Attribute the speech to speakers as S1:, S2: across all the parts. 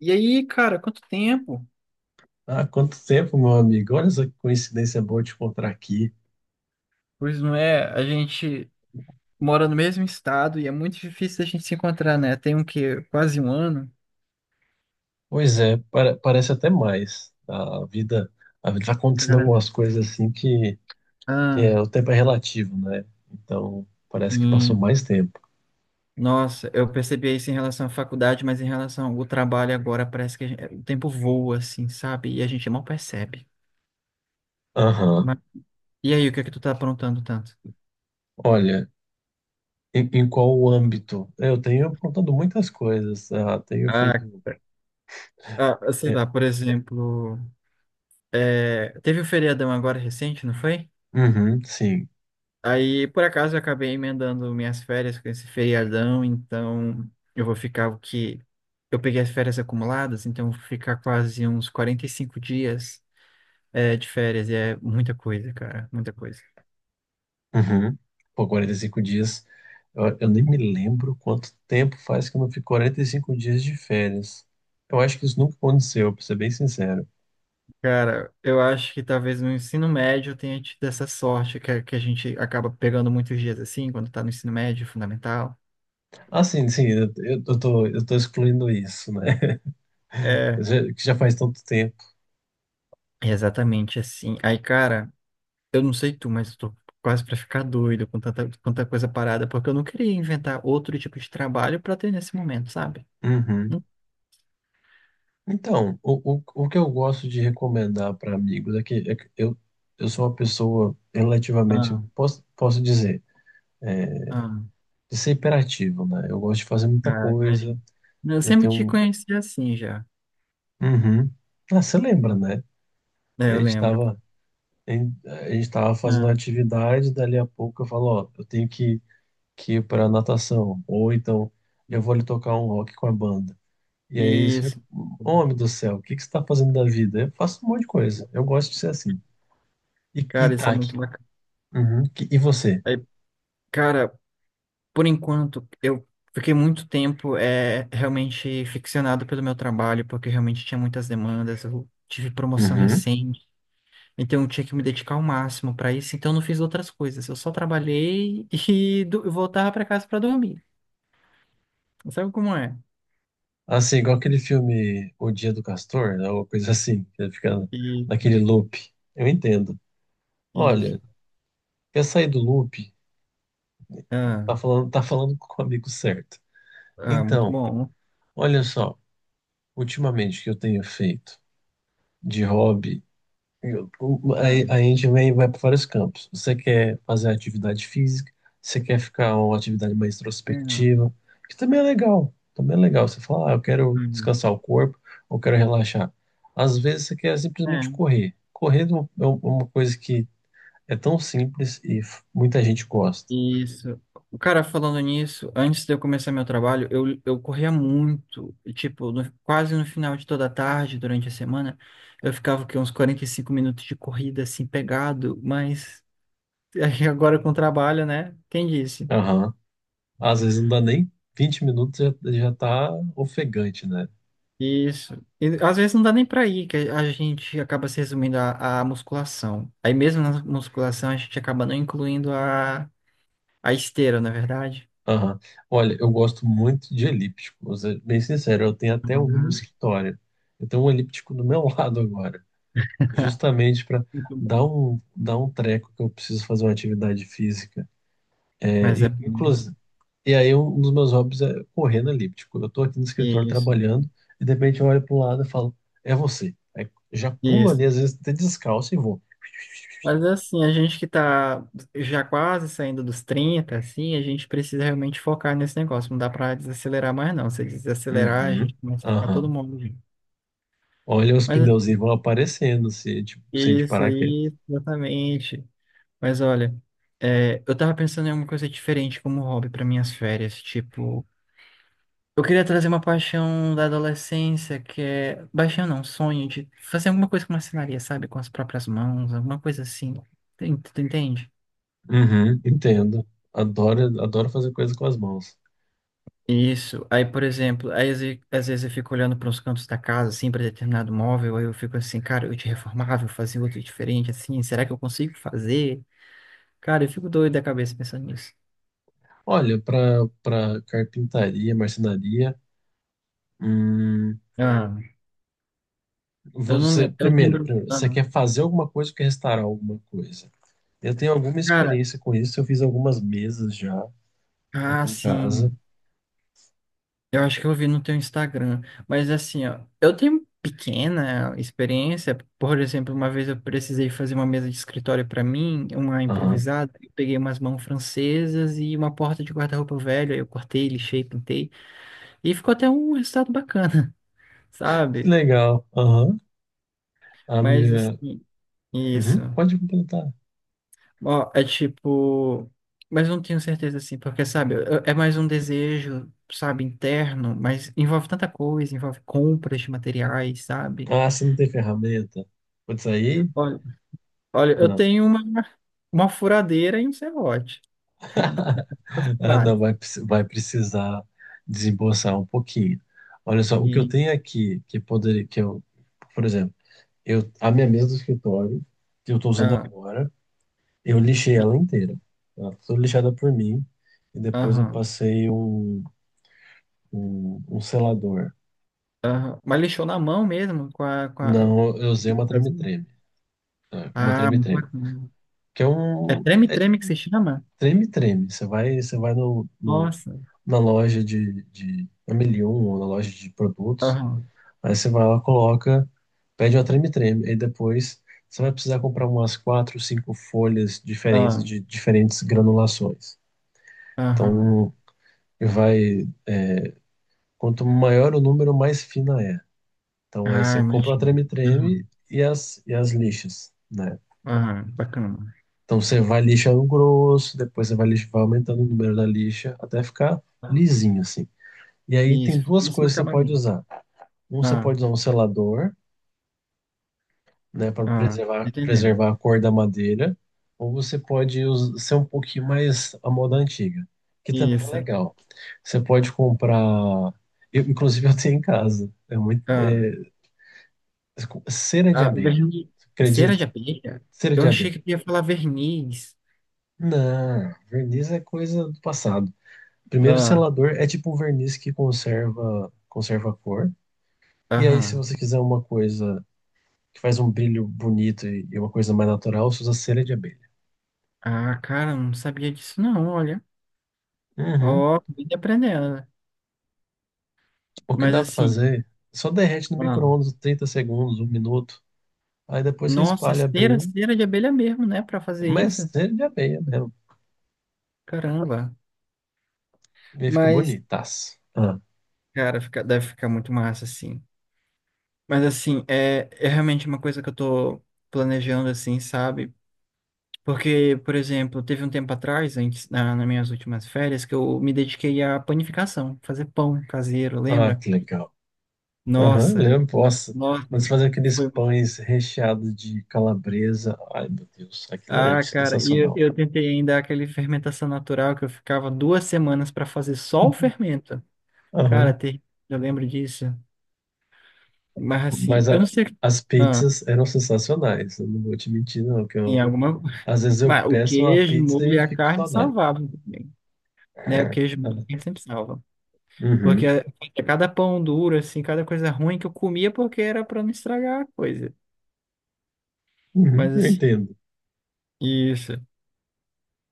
S1: E aí, cara, quanto tempo?
S2: Ah, quanto tempo, meu amigo. Olha essa coincidência boa te encontrar aqui.
S1: Pois não é, a gente mora no mesmo estado e é muito difícil a gente se encontrar, né? Tem um que quase um ano.
S2: Pois é, parece até mais. A vida tá acontecendo
S1: Cara,
S2: algumas coisas assim que é,
S1: ah,
S2: o tempo é relativo, né? Então, parece que passou
S1: sim.
S2: mais tempo.
S1: Nossa, eu percebi isso em relação à faculdade, mas em relação ao trabalho agora parece que o tempo voa, assim, sabe? E a gente mal percebe.
S2: Aham.
S1: Mas- e aí, o que é que tu tá aprontando tanto?
S2: Olha, em qual âmbito? Eu tenho aprontado muitas coisas. Ah, tenho
S1: Ah,
S2: feito.
S1: Sei
S2: É.
S1: lá, por exemplo, teve o feriadão agora recente, não foi?
S2: Uhum. Sim.
S1: Aí, por acaso, eu acabei emendando minhas férias com esse feriadão, então eu vou ficar o que. Eu peguei as férias acumuladas, então eu vou ficar quase uns 45 dias de férias, e é muita coisa.
S2: Uhum. Pô, 45 dias. Eu nem me lembro quanto tempo faz que eu não fico 45 dias de férias. Eu acho que isso nunca aconteceu, pra ser bem sincero.
S1: Cara, eu acho que talvez no ensino médio eu tenha tido essa sorte, que a gente acaba pegando muitos dias assim, quando tá no ensino médio, fundamental.
S2: Ah, sim, sim, eu tô excluindo isso, né?
S1: É,
S2: Que já faz tanto tempo.
S1: é exatamente assim. Aí, cara. Eu não sei tu, mas eu tô quase pra ficar doido com tanta, tanta coisa parada, porque eu não queria inventar outro tipo de trabalho pra ter nesse momento, sabe?
S2: Uhum.
S1: Não.
S2: Então, o que eu gosto de recomendar para amigos é que eu sou uma pessoa relativamente,
S1: Ah,
S2: posso dizer,
S1: ah,
S2: de ser hiperativo, né? Eu gosto de fazer muita coisa,
S1: Imagina. Eu
S2: eu
S1: sempre
S2: tenho
S1: te
S2: um.
S1: conheci assim já.
S2: Uhum. Ah, você lembra, né?
S1: É,
S2: A
S1: eu
S2: gente
S1: lembro.
S2: estava fazendo uma
S1: Ah,
S2: atividade, dali a pouco eu falo, ó, eu tenho que ir para natação, ou então eu vou lhe tocar um rock com a banda. E aí,
S1: e,
S2: você fica,
S1: esse-
S2: homem do céu, o que que você está fazendo da vida? Eu faço um monte de coisa, eu gosto de ser assim. E
S1: Cara, isso é
S2: tá.
S1: muito bacana.
S2: Uhum. E você?
S1: Aí, cara, por enquanto, eu fiquei muito tempo realmente ficcionado pelo meu trabalho, porque realmente tinha muitas demandas. Eu tive promoção
S2: Uhum.
S1: recente. Então eu tinha que me dedicar ao máximo para isso, então eu não fiz outras coisas. Eu só trabalhei e voltava para casa para dormir. Sabe como é?
S2: Assim, igual aquele filme O Dia do Castor, né, uma coisa assim, que ele fica
S1: E
S2: naquele loop. Eu entendo.
S1: isso.
S2: Olha, quer sair do loop?
S1: Ah,
S2: Tá falando com o amigo certo.
S1: Muito
S2: Então,
S1: bom.
S2: olha só. Ultimamente que eu tenho feito de hobby, eu- o-
S1: Ah,
S2: a, a gente vem, vai para vários campos. Você quer fazer atividade física, você quer ficar uma atividade mais
S1: é,
S2: introspectiva, que também é legal. Também é legal. Você fala, ah, eu quero
S1: uhum.
S2: descansar o corpo, ou quero relaxar. Às vezes você quer simplesmente
S1: É,
S2: correr. Correr é uma coisa que é tão simples e muita gente gosta.
S1: isso. O cara falando nisso, antes de eu começar meu trabalho, eu corria muito, e, tipo, quase no final de toda a tarde, durante a semana, eu ficava que uns 45 minutos de corrida assim pegado, mas aí agora com o trabalho, né? Quem disse?
S2: Aham. Às vezes não dá nem 20 minutos, já tá ofegante, né?
S1: Isso. E, às vezes não dá nem pra ir, que a gente acaba se resumindo à musculação. Aí mesmo na musculação a gente acaba não incluindo a esteira, na é verdade.
S2: Aham. Olha, eu gosto muito de elíptico, vou ser bem sincero, eu tenho até um no escritório. Eu tenho um elíptico do meu lado agora, justamente para
S1: Muito bom.
S2: dar um treco que eu preciso fazer uma atividade física. É,
S1: Mas é
S2: e, inclusive, e aí um dos meus hobbies é correr no elíptico. Eu tô aqui no escritório
S1: isso,
S2: trabalhando e de repente eu olho pro lado e falo, é você. Aí já pulo
S1: isso.
S2: ali, às vezes até descalço e vou.
S1: Mas assim, a gente que tá já quase saindo dos 30 assim, a gente precisa realmente focar nesse negócio. Não dá pra desacelerar mais, não. Se desacelerar, a
S2: Uhum.
S1: gente começa a ficar todo
S2: Aham.
S1: mundo junto.
S2: Olha, os
S1: Mas
S2: pneuzinhos vão aparecendo
S1: é
S2: se a gente
S1: isso,
S2: parar aqui.
S1: isso, exatamente. Mas olha, eu tava pensando em alguma coisa diferente como hobby para minhas férias. Tipo, eu queria trazer uma paixão da adolescência, que é. Paixão não, sonho de fazer alguma coisa com marcenaria, sabe? Com as próprias mãos, alguma coisa assim. Tem- Tu entende?
S2: Uhum, entendo. Adoro, adoro fazer coisa com as mãos.
S1: Isso. Aí, por exemplo, aí às vezes eu fico olhando para os cantos da casa, assim, para determinado móvel, aí eu fico assim, cara, eu te reformava, eu fazia outro diferente, assim, será que eu consigo fazer? Cara, eu fico doido da cabeça pensando nisso.
S2: Olha, para carpintaria, marcenaria, hum,
S1: Ah, eu não
S2: você
S1: lembro, eu
S2: primeiro,
S1: lembro,
S2: primeiro, você quer fazer alguma coisa ou quer restaurar alguma coisa? Eu tenho alguma
S1: cara.
S2: experiência com isso. Eu fiz algumas mesas já aqui em
S1: Sim.
S2: casa.
S1: Eu acho que eu vi no teu Instagram. Mas assim, ó, eu tenho pequena experiência. Por exemplo, uma vez eu precisei fazer uma mesa de escritório para mim, uma
S2: Aham.
S1: improvisada. Eu peguei umas mãos francesas e uma porta de guarda-roupa velho. Aí eu cortei, lixei, pintei. E ficou até um resultado bacana,
S2: Que
S1: sabe?
S2: legal. Aham. A
S1: Mas
S2: minha.
S1: assim, isso.
S2: Uhum, pode completar.
S1: Ó, é tipo. Mas não tenho certeza assim, porque, sabe, eu- é mais um desejo, sabe, interno, mas envolve tanta coisa, envolve compras de materiais, sabe?
S2: Ah, você não tem ferramenta? Pode sair?
S1: Olha, olha, eu
S2: Ah.
S1: tenho uma furadeira e um serrote, base,
S2: Ah, não,
S1: base.
S2: vai, vai precisar desembolsar um pouquinho. Olha só, o que eu
S1: E,
S2: tenho aqui, que poderia, que eu, por exemplo, eu, a minha mesa do escritório, que eu estou usando
S1: ah,
S2: agora, eu lixei
S1: e,
S2: ela inteira. Ela foi lixada por mim, e depois eu
S1: aham,
S2: passei um selador.
S1: aham. Mas lixou na mão mesmo, com a...
S2: Não, eu usei uma treme-treme, tá? Uma
S1: Ah, muito
S2: treme-treme,
S1: bacana.
S2: que
S1: É
S2: é de
S1: treme-treme que se chama?
S2: treme-treme. Você vai no, no,
S1: Nossa.
S2: na loja de Amelion, ou na loja de produtos.
S1: Aham,
S2: Aí você vai lá, coloca, pede uma treme-treme. Aí depois você vai precisar comprar umas quatro, cinco folhas diferentes
S1: aham,
S2: de diferentes granulações.
S1: aham.
S2: Então vai, quanto maior o número, mais fina é. Então aí
S1: Ah,
S2: você compra a
S1: imagina.
S2: treme-treme e as lixas, né?
S1: Ah, bacana.
S2: Então você vai lixando grosso, depois você vai aumentando o número da lixa até ficar lisinho assim. E aí tem
S1: Isso,
S2: duas
S1: isso no
S2: coisas que você pode
S1: acabamento.
S2: usar. Um, você
S1: Ah,
S2: pode usar um selador, né, para preservar,
S1: entendendo.
S2: preservar a cor da madeira, ou você pode ser um pouquinho mais a moda antiga, que também é
S1: Isso.
S2: legal. Você pode comprar, eu, inclusive eu tenho em casa, é muito,
S1: Ah,
S2: é, cera de abelha.
S1: verniz.
S2: Você
S1: Cera de
S2: acredita?
S1: abelha?
S2: Cera
S1: Eu
S2: de
S1: achei
S2: abelha.
S1: que ia falar verniz.
S2: Não, verniz é coisa do passado. Primeiro, o
S1: Ah,
S2: selador é tipo um verniz que conserva, conserva a cor. E aí, se
S1: aham.
S2: você quiser uma coisa que faz um brilho bonito e uma coisa mais natural, você usa cera de abelha.
S1: Ah, cara, eu não sabia disso, não, olha.
S2: Uhum.
S1: Ó, vim aprendendo, né?
S2: O que
S1: Mas
S2: dá pra
S1: assim,
S2: fazer? Só derrete no
S1: ah,
S2: micro-ondas 30 segundos, um minuto. Aí depois você
S1: nossa, é
S2: espalha
S1: cera,
S2: bem.
S1: cera de abelha mesmo, né? Pra fazer isso.
S2: Mas ele já meia mesmo.
S1: Caramba.
S2: E aí fica
S1: Mas,
S2: bonitaço. Ah,
S1: cara, fica- deve ficar muito massa, assim. Mas assim, é, é realmente uma coisa que eu tô planejando, assim, sabe? Porque, por exemplo, teve um tempo atrás, antes, na, nas minhas últimas férias, que eu me dediquei à panificação, fazer pão caseiro,
S2: ah,
S1: lembra?
S2: que legal. Aham,
S1: Nossa,
S2: lembro. Nossa,
S1: nossa,
S2: quando você faz aqueles
S1: foi bom.
S2: pães recheados de calabresa. Ai, meu Deus, aquilo era
S1: Ah, cara, e eu,
S2: sensacional.
S1: eu tentei ainda aquele fermentação natural que eu ficava 2 semanas para fazer só o fermento. Cara,
S2: Aham.
S1: eu lembro disso. Mas assim,
S2: Mas
S1: eu não sei.
S2: as
S1: Ah,
S2: pizzas eram sensacionais. Eu não vou te mentir, não. Que
S1: tem
S2: eu,
S1: alguma.
S2: às vezes eu
S1: Mas o
S2: peço uma
S1: queijo, o
S2: pizza
S1: molho e
S2: e
S1: a
S2: fico com
S1: carne
S2: saudade.
S1: salvavam também, né? O queijo e a
S2: Ah,
S1: carne sempre salva. Porque
S2: uhum,
S1: cada pão duro, assim, cada coisa ruim que eu comia porque era pra não estragar a coisa.
S2: uhum,
S1: Mas
S2: eu
S1: assim,
S2: entendo.
S1: isso.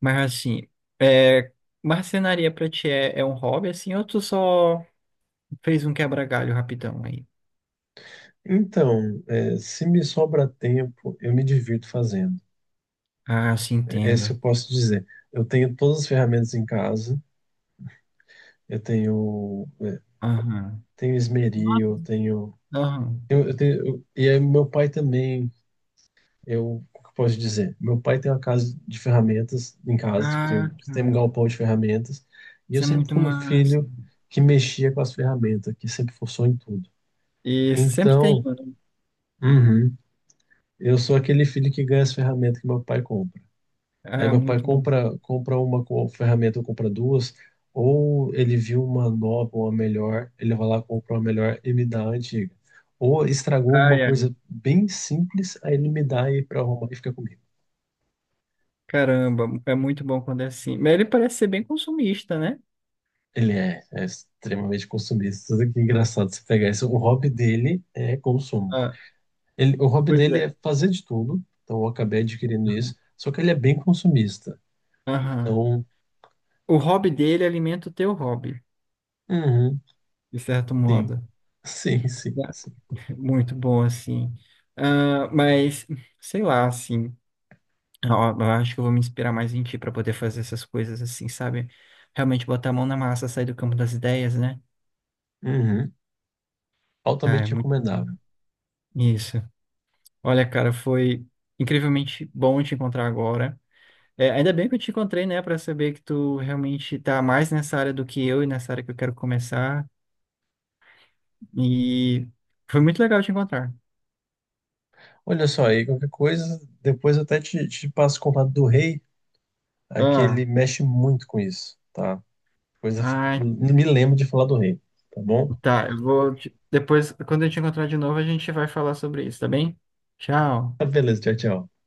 S1: Mas assim, é, marcenaria pra ti é, é um hobby, assim, ou tu só fez um quebra-galho rapidão aí?
S2: Então, é, se me sobra tempo, eu me divirto fazendo.
S1: Ah, sim,
S2: É, essa
S1: entendo.
S2: eu posso dizer. Eu tenho todas as ferramentas em casa. Eu tenho, é,
S1: Aham.
S2: tenho esmeril,
S1: Nossa. Aham.
S2: e aí meu pai também. O que eu posso dizer? Meu pai tem uma casa de ferramentas em casa, tipo,
S1: Ah,
S2: tem um
S1: cara,
S2: galpão de ferramentas. E eu
S1: isso é
S2: sempre
S1: muito
S2: fui o
S1: massa.
S2: filho que mexia com as ferramentas, que sempre forçou em tudo.
S1: Isso, sempre tem
S2: Então,
S1: um, né?
S2: uhum, eu sou aquele filho que ganha as ferramentas que meu pai compra. Aí
S1: Ah,
S2: meu pai
S1: muito bom.
S2: compra uma ferramenta, ou compra duas, ou ele viu uma nova, uma melhor, ele vai lá, compra uma melhor e me dá a antiga. Ou estragou alguma
S1: Ai, ai.
S2: coisa bem simples, aí ele me dá e para arrumar e fica comigo.
S1: Caramba, é muito bom quando é assim. Mas ele parece ser bem consumista, né?
S2: Ele é extremamente consumista. Tudo. Que é engraçado você pegar isso. O hobby dele é consumo.
S1: Ah,
S2: Ele, o hobby
S1: pois
S2: dele
S1: é.
S2: é fazer de tudo, então eu acabei adquirindo isso, só que ele é bem consumista.
S1: Aham.
S2: Então,
S1: O hobby dele alimenta o teu hobby,
S2: uhum,
S1: de certo
S2: sim,
S1: modo,
S2: sim, sim,
S1: né?
S2: sim.
S1: Muito bom, assim. Ah, mas, sei lá, assim, ó, eu acho que eu vou me inspirar mais em ti para poder fazer essas coisas assim, sabe? Realmente botar a mão na massa, sair do campo das ideias, né?
S2: Uhum.
S1: Tá, é
S2: Altamente
S1: muito
S2: recomendável.
S1: isso. Olha, cara, foi incrivelmente bom te encontrar agora. É, ainda bem que eu te encontrei, né, para saber que tu realmente tá mais nessa área do que eu e nessa área que eu quero começar. E foi muito legal te encontrar.
S2: Olha só aí, qualquer coisa, depois eu até te passo o contato do rei, é que ele
S1: Ah,
S2: mexe muito com isso, tá? Coisa,
S1: ah,
S2: me lembro de falar do rei, tá bom?
S1: Tá, eu vou. Depois, quando eu te encontrar de novo, a gente vai falar sobre isso, tá bem? Tchau.
S2: Beleza, tchau, tchau.